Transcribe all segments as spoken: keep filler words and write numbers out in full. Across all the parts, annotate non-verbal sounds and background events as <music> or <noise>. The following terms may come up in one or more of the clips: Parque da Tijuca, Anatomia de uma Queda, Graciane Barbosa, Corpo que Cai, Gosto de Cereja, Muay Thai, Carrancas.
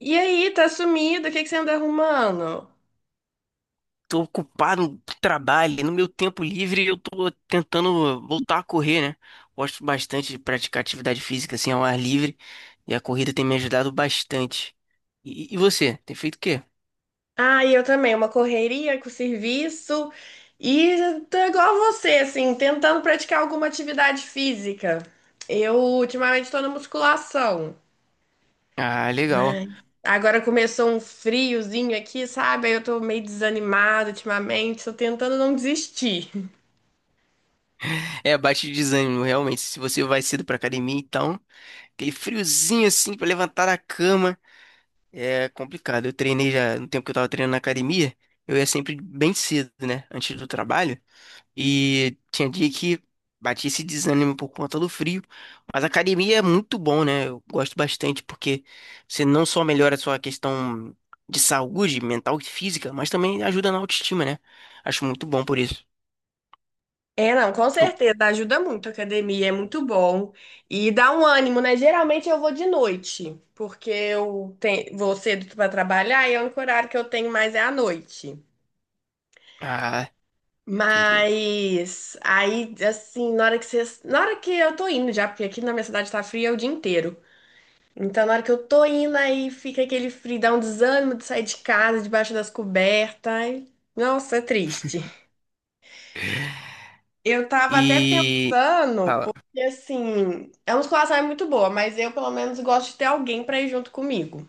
E aí, tá sumido? O que que você anda arrumando? Tô ocupado, trabalho, no meu tempo livre eu tô tentando voltar a correr, né? Gosto bastante de praticar atividade física assim ao ar livre e a corrida tem me ajudado bastante. E, e você, tem feito o quê? Ah, e eu também, uma correria com o serviço. E tô igual a você, assim, tentando praticar alguma atividade física. Eu ultimamente tô na musculação, Ah, legal. mas agora começou um friozinho aqui, sabe? Aí eu tô meio desanimada ultimamente, tô tentando não desistir. É, bate de desânimo, realmente. Se você vai cedo pra academia, então, aquele friozinho assim pra levantar da cama é complicado. Eu treinei já no tempo que eu tava treinando na academia, eu ia sempre bem cedo, né? Antes do trabalho. E tinha dia que batia esse desânimo por conta do frio. Mas a academia é muito bom, né? Eu gosto bastante porque você não só melhora a sua questão de saúde mental e física, mas também ajuda na autoestima, né? Acho muito bom por isso. É, não, com Eu- certeza, ajuda muito a academia, é muito bom. E dá um ânimo, né? Geralmente eu vou de noite, porque eu tenho, vou cedo para trabalhar e é o único horário que eu tenho mais é à noite. Ah, entendi. Mas aí, assim, na hora que vocês, na hora que eu tô indo já, porque aqui na minha cidade tá fria o dia inteiro. Então, na hora que eu tô indo, aí fica aquele frio, dá um desânimo de sair de casa, debaixo das cobertas. Ai, nossa, é triste. Eu tava até E. pensando, Fala. porque assim, a musculação é muito boa, mas eu pelo menos gosto de ter alguém pra ir junto comigo.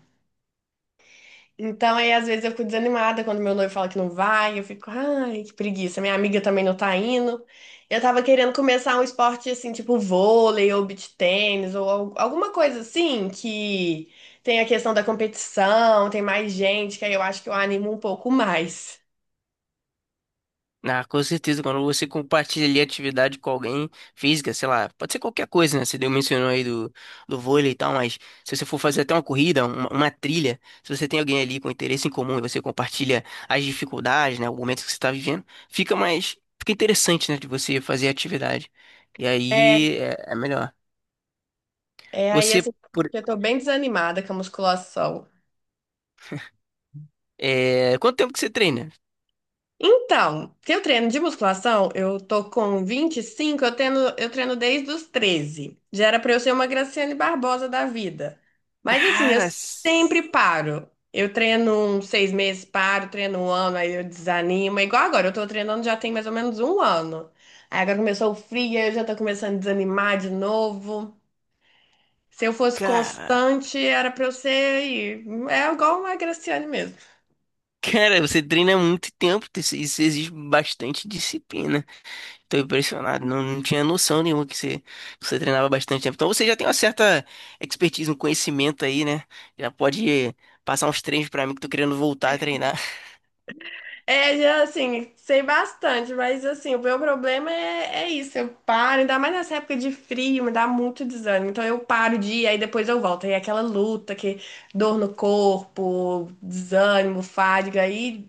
Então aí às vezes eu fico desanimada quando meu noivo fala que não vai, eu fico, ai, que preguiça, minha amiga também não tá indo. Eu tava querendo começar um esporte assim, tipo vôlei ou beach tênis ou al- alguma coisa assim que tem a questão da competição, tem mais gente, que aí eu acho que eu animo um pouco mais. Ah, com certeza, quando você compartilha ali atividade com alguém física, sei lá, pode ser qualquer coisa, né? Você deu mencionou aí do, do vôlei e tal, mas se você for fazer até uma corrida, uma, uma trilha, se você tem alguém ali com interesse em comum e você compartilha as dificuldades, né? O momento que você está vivendo, fica mais, fica interessante, né? De você fazer atividade. E É, aí é, é melhor. é aí Você, assim, por, eu tô bem desanimada com a musculação. É, quanto tempo que você treina? Então, se eu treino de musculação, eu tô com vinte e cinco. eu treino, eu treino desde os treze. Já era pra eu ser uma Graciane Barbosa da vida. Mas assim, eu Cara, s- sempre paro. Eu treino uns seis meses, paro, treino um ano, aí eu desanimo. É igual agora, eu tô treinando já tem mais ou menos um ano. Aí agora começou o frio, aí eu já tô começando a desanimar de novo. Se eu fosse cara, constante, era pra eu ser. É igual uma Graciane mesmo. cara, você treina há muito tempo, isso isso exige bastante disciplina. Tô impressionado, não, não tinha noção nenhuma que você, que você treinava bastante tempo. Então você já tem uma certa expertise, um conhecimento aí, né? Já pode passar uns treinos pra mim que tô querendo voltar a treinar. É, assim, sei bastante, mas assim, o meu problema é, é isso, eu paro, ainda mais nessa época de frio, me dá muito desânimo. Então eu paro de ir, aí depois eu volto. Aí é aquela luta que dor no corpo, desânimo, fadiga, aí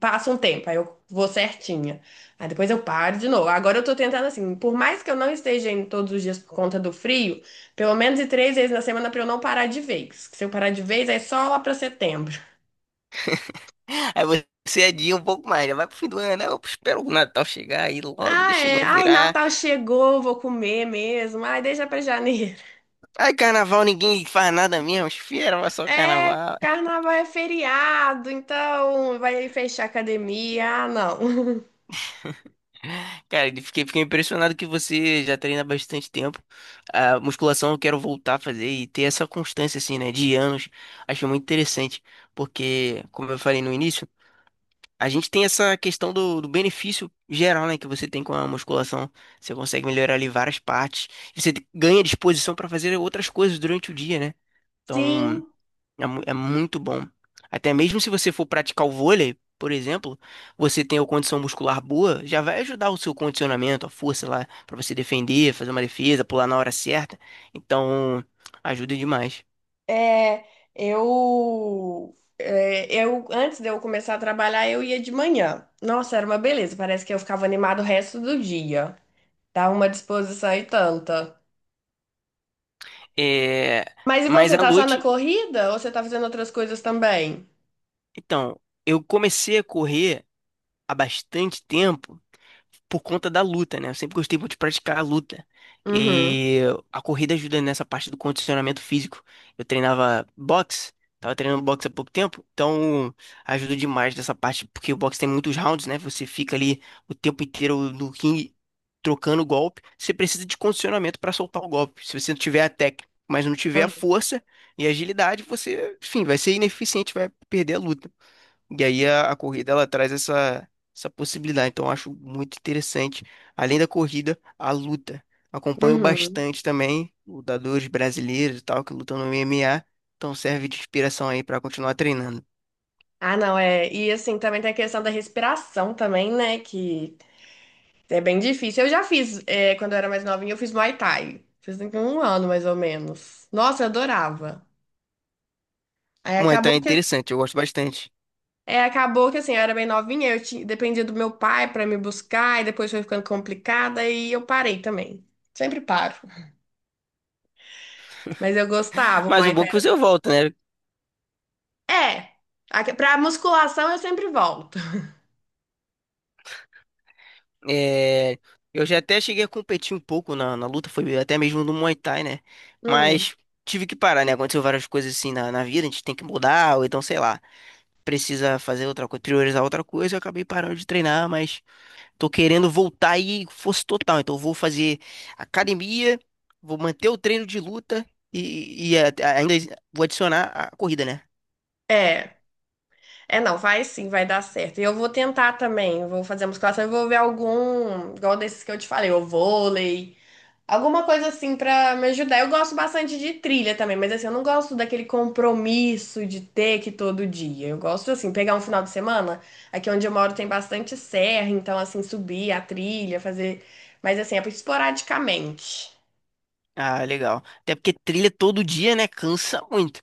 passa um tempo, aí eu vou certinha. Aí depois eu paro de novo. Agora eu tô tentando assim, por mais que eu não esteja indo todos os dias por conta do frio, pelo menos de três vezes na semana pra eu não parar de vez. Se eu parar de vez, é só lá pra setembro. <laughs> Aí você adia um pouco mais, já vai pro fim do ano, né? Eu espero o Natal chegar aí logo, Ah, deixa o é. ano Ai, virar. Natal chegou, vou comer mesmo. Ai, deixa pra janeiro. <laughs> Ai, carnaval, ninguém faz nada mesmo, espera, mas só É, carnaval. carnaval é feriado, então vai fechar a academia. Ah, não. <laughs> Cara, ele- fiquei, fiquei impressionado que você já treina há bastante tempo. A musculação eu quero voltar a fazer e ter essa constância, assim, né, de anos. Acho muito interessante, porque, como eu falei no início, a gente tem essa questão do, do benefício geral, né, que você tem com a musculação. Você consegue melhorar ali várias partes. Você ganha disposição para fazer outras coisas durante o dia, né? Então. Sim, É, mu- é muito bom. Até mesmo se você for praticar o vôlei, por exemplo, você tem a condição muscular boa, já vai ajudar o seu condicionamento, a força lá, pra você defender, fazer uma defesa, pular na hora certa. Então, ajuda demais. é, eu, é, eu antes de eu começar a trabalhar, eu ia de manhã. Nossa, era uma beleza, parece que eu ficava animado o resto do dia. Dá uma disposição e tanta. É, Mas e mas você, à tá só na noite, corrida ou você tá fazendo outras coisas também? então, eu comecei a correr há bastante tempo, por conta da luta, né? Eu sempre gostei muito de praticar a luta. Uhum. E a corrida ajuda nessa parte do condicionamento físico. Eu treinava boxe, tava treinando boxe há pouco tempo, então ajuda demais nessa parte, porque o boxe tem muitos rounds, né? Você fica ali o tempo inteiro no ringue trocando golpe. Você precisa de condicionamento para soltar o golpe. Se você não tiver a técnica, mas não tiver a força e a agilidade, você, enfim, vai ser ineficiente, vai perder a luta. E aí a, a corrida ela traz essa, essa possibilidade. Então eu acho muito interessante. Além da corrida, a luta. Acompanho Uhum. bastante também lutadores brasileiros e tal que lutam no M M A. Então serve de inspiração aí para continuar treinando. Ah, não, é. E assim, também tem a questão da respiração também, né? Que é bem difícil. Eu já fiz, é, quando eu era mais novinha, eu fiz Muay Thai. Fiz com um ano, mais ou menos. Nossa, eu adorava. Aí Muay Thai é acabou que, interessante, eu gosto bastante. é, acabou que assim, eu era bem novinha, eu tinha, dependia do meu pai pra me buscar, e depois foi ficando complicada, e eu parei também. Sempre paro. Mas eu gostava, o Mas o Muay bom é Thai. que era- você volta, né? É, a- pra musculação eu sempre volto. É, eu já até cheguei a competir um pouco na, na luta, foi até mesmo no Muay Thai, né? Hum, Mas tive que parar, né? Aconteceu várias coisas assim na, na vida, a gente tem que mudar, ou então sei lá, precisa fazer outra coisa, priorizar outra coisa, eu acabei parando de treinar, mas tô querendo voltar aí força total. Então eu vou fazer academia, vou manter o treino de luta e, e a- a- ainda vou adicionar a corrida, né? é. É, não, vai sim, vai dar certo. E eu vou tentar também, vou fazer a musculação e vou ver algum, igual desses que eu te falei, o vôlei, alguma coisa assim pra me ajudar. Eu gosto bastante de trilha também, mas assim, eu não gosto daquele compromisso de ter que ir todo dia. Eu gosto assim, pegar um final de semana, aqui onde eu moro tem bastante serra, então assim, subir a trilha, fazer, mas assim, é esporadicamente. Ah, legal. Até porque trilha todo dia, né? Cansa muito.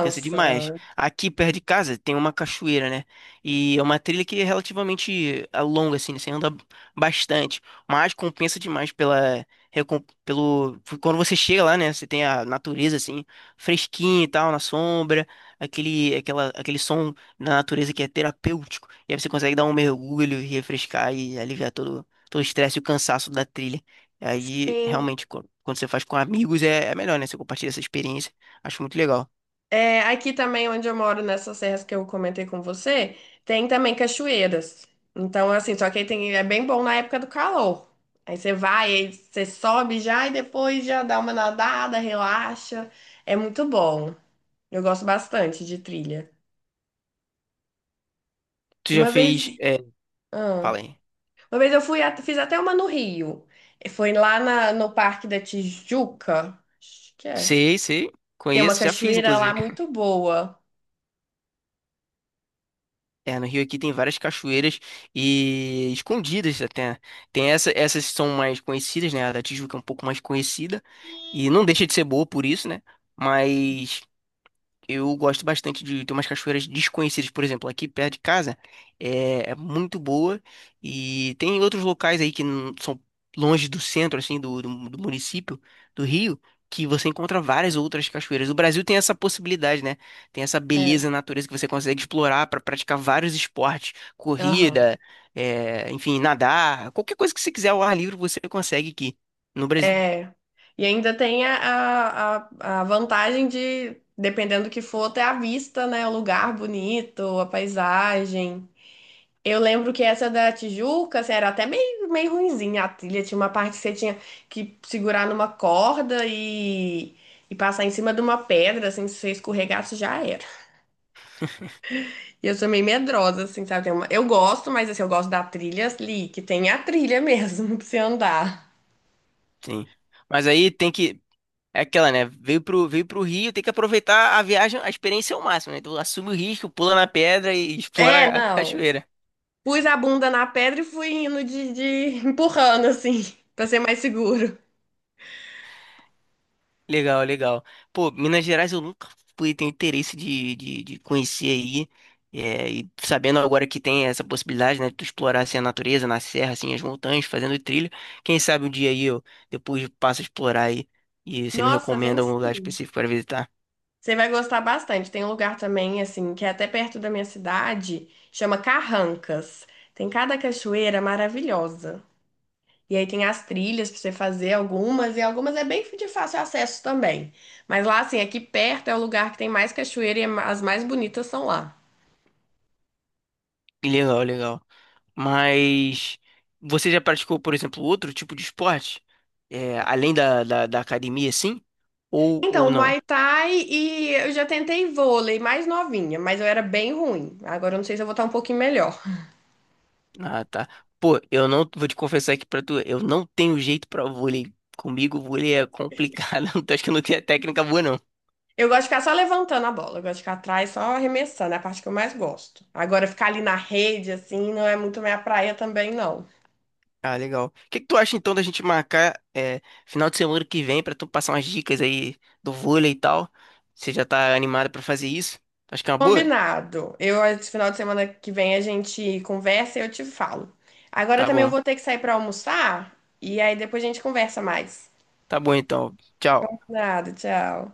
Cansa demais. Aqui perto de casa tem uma cachoeira, né? E é uma trilha que é relativamente ah, longa, assim, né? Você anda bastante. Mas compensa demais pela. recom- pelo, quando você chega lá, né? Você tem a natureza, assim, fresquinha e tal, na sombra, aquele, aquela, aquele som da natureza que é terapêutico. E aí você consegue dar um mergulho e refrescar e aliviar todo, todo o estresse e o cansaço da trilha. Aí, realmente, quando quando você faz com amigos, é, é melhor, né? Você compartilha essa experiência. Acho muito legal. É, aqui também onde eu moro, nessas serras que eu comentei com você, tem também cachoeiras. Então, assim, só que aí tem, é bem bom na época do calor. Aí você vai, aí você sobe já e depois já dá uma nadada, relaxa. É muito bom. Eu gosto bastante de trilha. Tu já Uma fez. vez, É, ah, fala aí. uma vez eu fui, at- fiz até uma no Rio. E foi lá na- no Parque da Tijuca, acho que é. Sei, sei. Tem uma Conheço, já fiz, cachoeira lá inclusive. muito boa. É, no Rio aqui tem várias cachoeiras e escondidas até. Tem essa, essas que são mais conhecidas, né? A da Tijuca é um pouco mais conhecida. E não deixa de ser boa por isso, né? Mas eu gosto bastante de ter umas cachoeiras desconhecidas, por exemplo, aqui perto de casa é, é muito boa e tem outros locais aí que não são longe do centro, assim, do, do, do município do Rio, que você encontra várias outras cachoeiras. O Brasil tem essa possibilidade, né? Tem essa É. beleza na natureza que você consegue explorar para praticar vários esportes, Aham. corrida, é, enfim, nadar, qualquer coisa que você quiser ao ar livre você consegue aqui no Brasil. É. E ainda tem a, a, a a vantagem de, dependendo do que for, ter a vista, né? O lugar bonito, a paisagem. Eu lembro que essa da Tijuca, assim, era até meio, meio ruinzinha a trilha. Tinha uma parte que você tinha que segurar numa corda e, e passar em cima de uma pedra, assim, se você escorregasse, já era. E eu sou meio medrosa, assim, sabe? Tem uma- Eu gosto, mas assim, eu gosto da trilha ali, que tem a trilha mesmo <laughs> pra você andar. Sim. Mas aí tem que É aquela, né? Veio pro, veio pro Rio, tem que aproveitar a viagem, a experiência ao máximo, né? Então assume o risco, pula na pedra e <laughs> É, explora a não. cachoeira. Pus a bunda na pedra e fui indo de, de- <laughs> empurrando, assim, <laughs> pra ser mais seguro. Legal, legal. Pô, Minas Gerais eu nunca fui, tenho interesse de, de, de conhecer aí. É, e sabendo agora que tem essa possibilidade, né? De tu explorar assim, a natureza, na serra, assim, as montanhas, fazendo trilha. Quem sabe um dia aí eu depois passo a explorar aí e você me Nossa, vem recomenda algum lugar sim. específico para visitar. Você vai gostar bastante. Tem um lugar também, assim, que é até perto da minha cidade, chama Carrancas. Tem cada cachoeira maravilhosa. E aí tem as trilhas pra você fazer algumas, e algumas é bem de fácil acesso também. Mas lá, assim, aqui perto é o lugar que tem mais cachoeira e é ma- as mais bonitas são lá. Legal, legal. Mas você já praticou, por exemplo, outro tipo de esporte? É, além da, da, da academia, sim? Ou, ou Então, não? Muay Thai e eu já tentei vôlei mais novinha, mas eu era bem ruim. Agora eu não sei se eu vou estar um pouquinho melhor. Ah, tá. Pô, eu não vou te confessar aqui pra tu, eu não tenho jeito pra vôlei. Comigo, vôlei é complicado. <laughs> Então acho que eu não tenho a técnica boa, não. Eu gosto de ficar só levantando a bola, eu gosto de ficar atrás só arremessando, é a parte que eu mais gosto. Agora ficar ali na rede, assim, não é muito minha praia também, não. Ah, legal. O que que tu acha então da gente marcar é, final de semana que vem pra tu passar umas dicas aí do vôlei e tal? Você já tá animado pra fazer isso? Acho que é uma boa? Combinado. Eu, esse final de semana que vem, a gente conversa e eu te falo. Agora Tá também eu bom. vou ter que sair para almoçar e aí depois a gente conversa mais. Tá bom então. Tchau. Nada, tchau.